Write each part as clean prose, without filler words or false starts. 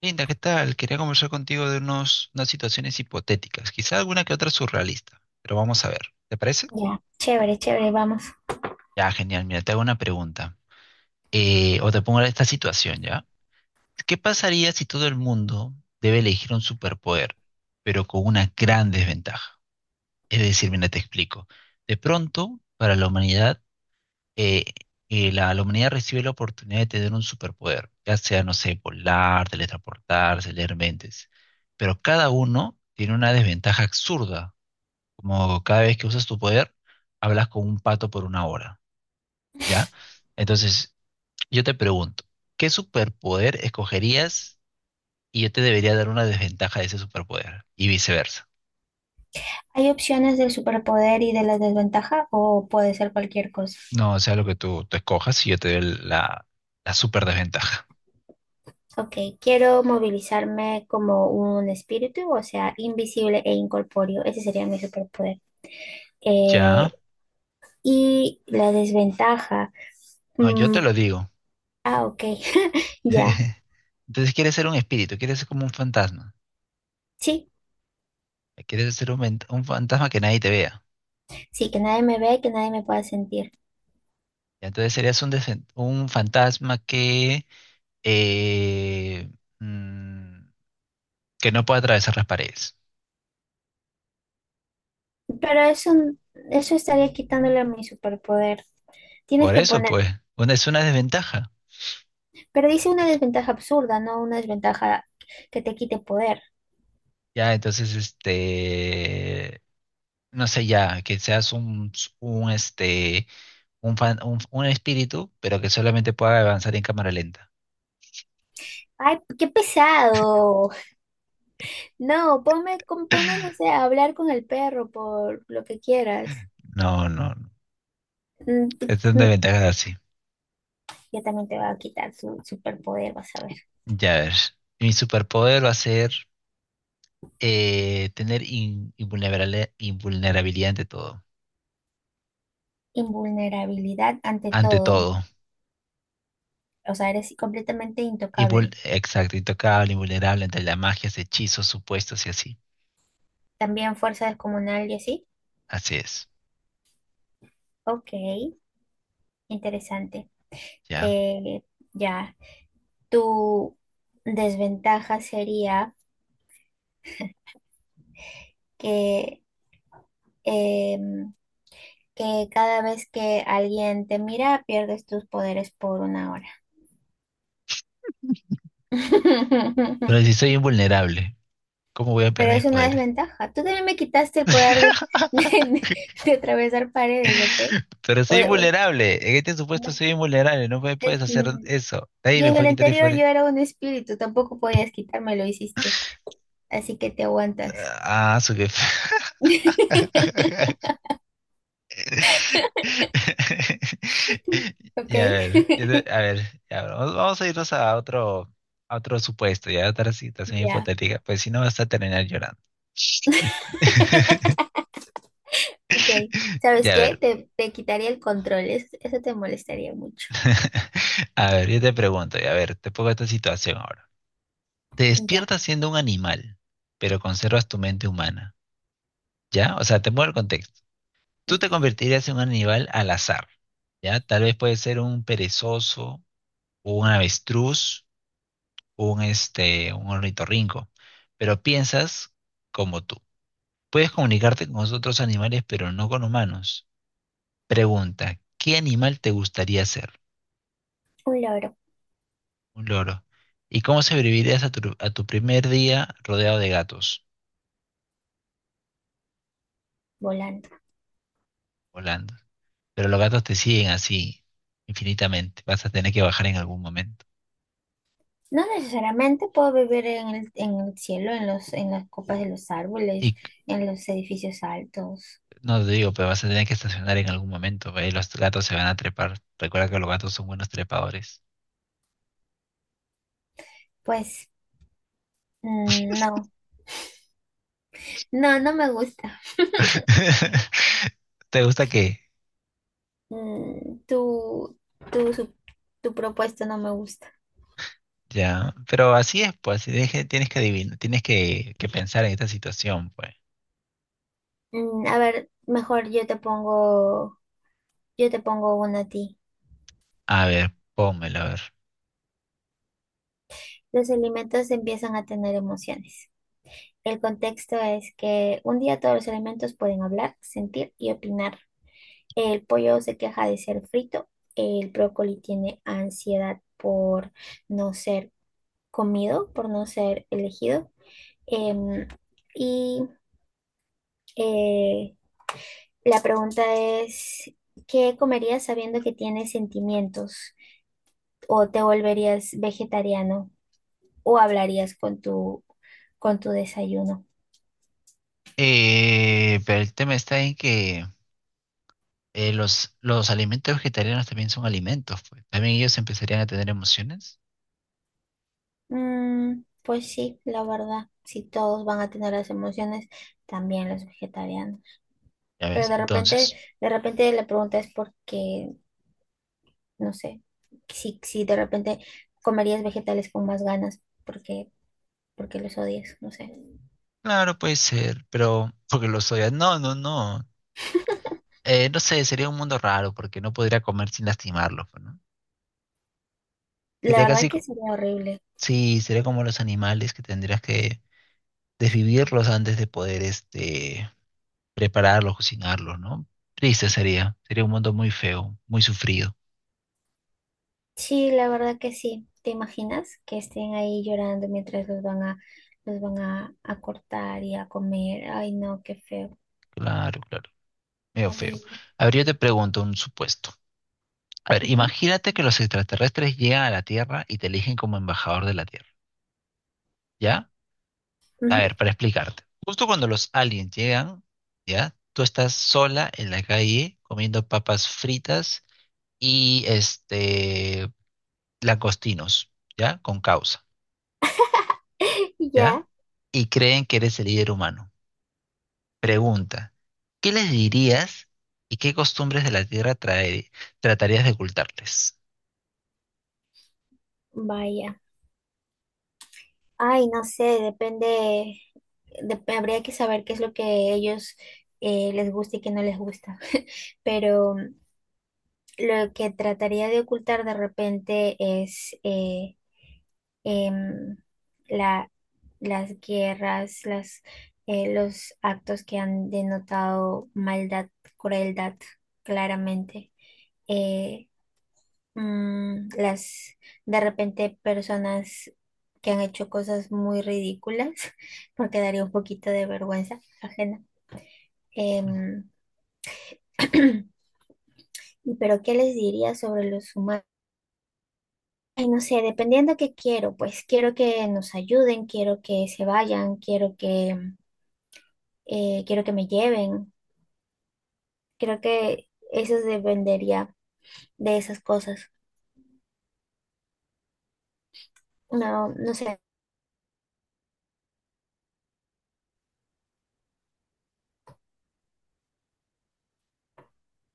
Linda, ¿qué tal? Quería conversar contigo de unas situaciones hipotéticas, quizá alguna que otra surrealista, pero vamos a ver. ¿Te parece? Ya, chévere, chévere, vamos. Ya, genial. Mira, te hago una pregunta. O te pongo esta situación, ¿ya? ¿Qué pasaría si todo el mundo debe elegir un superpoder, pero con una gran desventaja? Es decir, mira, te explico. De pronto, para la humanidad, eh, la humanidad recibe la oportunidad de tener un superpoder, ya sea, no sé, volar, teletransportarse, leer mentes, pero cada uno tiene una desventaja absurda, como cada vez que usas tu poder, hablas con un pato por una hora, ¿ya? Entonces, yo te pregunto, ¿qué superpoder escogerías y yo te debería dar una desventaja de ese superpoder? Y viceversa. ¿Hay opciones del superpoder y de la desventaja o puede ser cualquier cosa? No, o sea, lo que tú escojas y yo te doy la super desventaja. Ok, quiero movilizarme como un espíritu, o sea, invisible e incorpóreo. Ese sería mi superpoder. Ya, Eh, y la desventaja. no, yo mm, te lo digo. Ok, ya. Entonces quieres ser un espíritu, quieres ser como un fantasma, Sí, quieres ser un fantasma que nadie te vea. sí, que nadie me ve, que nadie me pueda sentir. Y entonces serías un fantasma que, eh, mm, que no puede atravesar las paredes. Pero eso estaría quitándole a mi superpoder. Tienes Por que eso, poner. pues, es una desventaja. Pero dice una Et- desventaja absurda, no una desventaja que te quite poder. ya, entonces, este, no sé, ya, que seas un, este, un, fan- un espíritu, pero que solamente pueda avanzar en cámara lenta. Ay, qué pesado. No, ponme, ponme, no sé, a hablar con el perro por lo que quieras. No, no, no. Mm, t- Es una t- desventaja así. Ya también te va a quitar su superpoder, vas a ver. Ya ves, mi superpoder va a ser tener invulnerabilidad ante todo. Invulnerabilidad ante Ante todo. todo. O sea, eres completamente intocable. Exacto, intocable, invulnerable ante las magias, hechizos, supuestos y así. También fuerza descomunal y así. Así es, Ok, interesante. ya. Eh, ya. Tu desventaja sería que... em, que cada vez que alguien te mira, pierdes tus poderes por 1 hora. Pero si soy invulnerable, ¿cómo voy a Pero perder mis es una poderes? desventaja. Tú también me quitaste el poder de- de atravesar paredes, ¿ok? Pero O- soy o- invulnerable. En este supuesto no, soy invulnerable. No me eh, puedes hacer mm, eso. Nadie y me en el puede quitar el anterior poder. yo era un espíritu, tampoco podías quitarme, lo hiciste. Así que te aguantas, Ah, su jefe. ¿ok? Y a ver, a ver, ya, bueno, vamos, vamos a irnos a otro supuesto, ya a otra situación Ya, hipotética, pues si no vas a terminar llorando. ok. ¿Sabes Ya a qué? ver, Te quitaría el control, eso te molestaría mucho. a ver, yo te pregunto, y a ver, te pongo esta situación ahora. Te Ya, despiertas siendo un animal, pero conservas tu mente humana, ¿ya? O sea, te pongo el contexto. Tú te convertirías en un animal al azar, ¿ya? Tal vez puede ser un perezoso o un avestruz un ornitorrinco, pero piensas como tú. Puedes comunicarte con otros animales, pero no con humanos. Pregunta, ¿qué animal te gustaría ser? un loro Un loro. ¿Y cómo sobrevivirías a tu primer día rodeado de gatos volando. volando? Pero los gatos te siguen así infinitamente. Vas a tener que bajar en algún momento. No necesariamente puedo vivir en el cielo, en los, en las copas de los Y árboles, c- en los edificios altos. no te digo, pero vas a tener que estacionar en algún momento. ¿Ve? Y los gatos se van a trepar. Recuerda que los gatos son buenos trepadores. Pues no, no, no me gusta. ¿Te gusta qué? Mm, tu, tu, su- Tu propuesta no me gusta. Ya, pero así es, pues, así deje- tienes que adivinar, tienes que pensar en esta situación, pues. A ver, mejor yo te pongo una a ti. A ver, pónmelo, a ver. Los alimentos empiezan a tener emociones. El contexto es que un día todos los alimentos pueden hablar, sentir y opinar. El pollo se queja de ser frito. El brócoli tiene ansiedad por no ser comido, por no ser elegido. Em, y eh, la pregunta es, ¿qué comerías sabiendo que tienes sentimientos? ¿O te volverías vegetariano? ¿O hablarías con tu desayuno? Pero el tema está en que los alimentos vegetarianos también son alimentos, pues. También ellos empezarían a tener emociones, Pues sí, la verdad, si todos van a tener las emociones, también los vegetarianos. ¿ya Pero ves? Entonces, de repente la pregunta es porque, no sé, si, si de repente comerías vegetales con más ganas, porque, porque los odias, no sé. claro, puede ser, pero porque lo soy. No, no, no. No sé, sería un mundo raro porque no podría comer sin lastimarlos, pues, ¿no? La Sería verdad que sería horrible. sí, sería como los animales que tendrías que desvivirlos antes de poder, este, prepararlos, cocinarlos, ¿no? Triste sería, sería un mundo muy feo, muy sufrido. Sí, la verdad que sí. ¿Te imaginas que estén ahí llorando mientras los van a cortar y a comer? Ay, no, qué feo, Claro, claro, medio feo. horrible. A ver, yo te pregunto un supuesto. A ver, Ujú, imagínate que los extraterrestres llegan a la Tierra y te eligen como embajador de la Tierra, ¿ya? A ujú. ver, para explicarte. Justo cuando los aliens llegan, ¿ya? Tú estás sola en la calle comiendo papas fritas y este langostinos, ¿ya? Con causa, Ya, ¿ya? Y creen que eres el líder humano. Pregunta, ¿qué les dirías y qué costumbres de la Tierra tratarías de ocultarles? vaya. Ay, no sé, depende, habría que saber qué es lo que ellos les gusta y qué no les gusta. Pero mm, lo que trataría de ocultar de repente es em, la, las guerras, las, los actos que han denotado maldad, crueldad, claramente. Eh, las de repente personas que han hecho cosas muy ridículas, porque daría un poquito de vergüenza ajena. Em, pero ¿qué les diría sobre los humanos? Ay, no sé, dependiendo qué quiero, pues quiero que nos ayuden, quiero que se vayan, quiero que me lleven. Creo que eso dependería de esas cosas. No, no sé,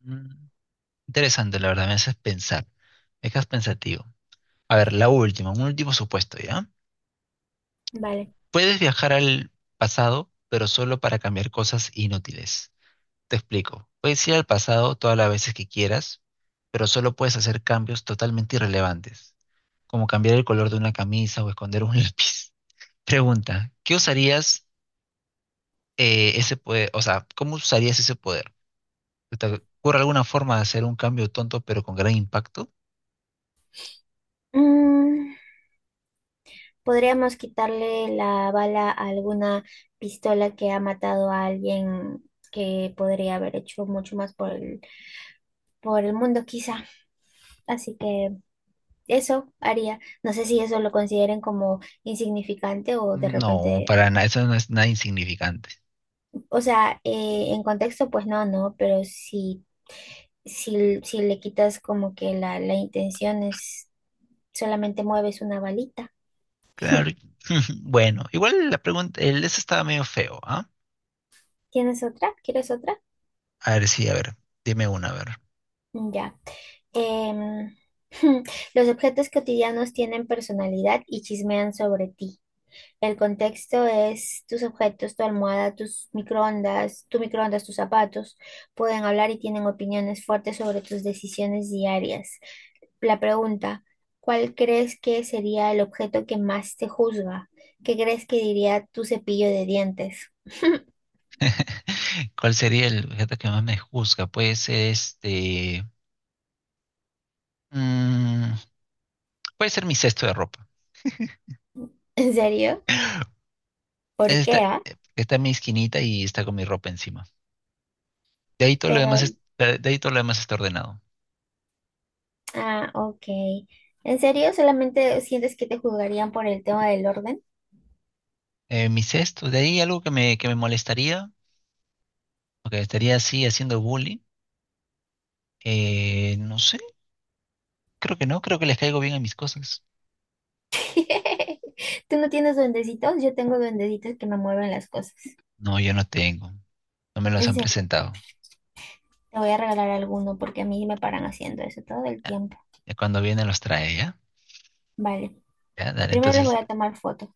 Mm, interesante, la verdad, me haces pensar, me dejas pensativo. A ver, la última, un último supuesto, ¿ya? vale. Puedes viajar al pasado, pero solo para cambiar cosas inútiles. Te explico, puedes ir al pasado todas las veces que quieras, pero solo puedes hacer cambios totalmente irrelevantes, como cambiar el color de una camisa o esconder un lápiz. Pregunta, ¿qué usarías? Ese poder, o sea, ¿cómo usarías ese poder? ¿Te ocurre alguna forma de hacer un cambio tonto pero con gran impacto? Mm, Podríamos quitarle la bala a alguna pistola que ha matado a alguien que podría haber hecho mucho más por el mundo, quizá. Así que eso haría. No sé si eso lo consideren como insignificante o de No, repente, para nada, eso no es nada insignificante. o sea, en contexto, pues no, no, pero si, si, si le quitas como que la intención es solamente mueves una balita. Claro. Bueno, igual la pregunta, el eso estaba medio feo, ¿ah? ¿Tienes otra? ¿Quieres otra? A ver, sí, a ver, dime una, a ver. Ya. Em, los objetos cotidianos tienen personalidad y chismean sobre ti. El contexto es tus objetos, tu almohada, tus microondas, tu microondas, tus zapatos. Pueden hablar y tienen opiniones fuertes sobre tus decisiones diarias. La pregunta, ¿cuál crees que sería el objeto que más te juzga? ¿Qué crees que diría tu cepillo de dientes? ¿Cuál sería el objeto que más me juzga? Puede ser este. mm, Puede ser mi cesto de ropa. ¿En serio? ¿Por qué, Está, ah? está en mi esquinita y está con mi ropa encima. De ahí todo lo demás Pero es- de ahí todo lo demás está ordenado. Ah, ok. ¿En serio? ¿Solamente sientes que te juzgarían por el tema del orden? Mis esto, de ahí algo que me molestaría, o que estaría así haciendo bullying, no sé, creo que no, creo que les caigo bien a mis cosas. ¿Tú no tienes duendecitos? Yo tengo duendecitos que me mueven las cosas. No, yo no tengo, no me los En han serio, presentado. te voy a regalar alguno porque a mí me paran haciendo eso todo el Ya, tiempo. ya cuando vienen los trae, ¿ya? Vale. Ya, dale, Primero les voy entonces, a tomar foto.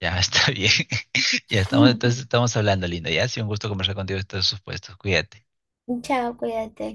ya está bien. Ya estamos, entonces estamos hablando, lindo, ya, ha sido un gusto conversar contigo de estos supuestos, cuídate. Chao, cuídate.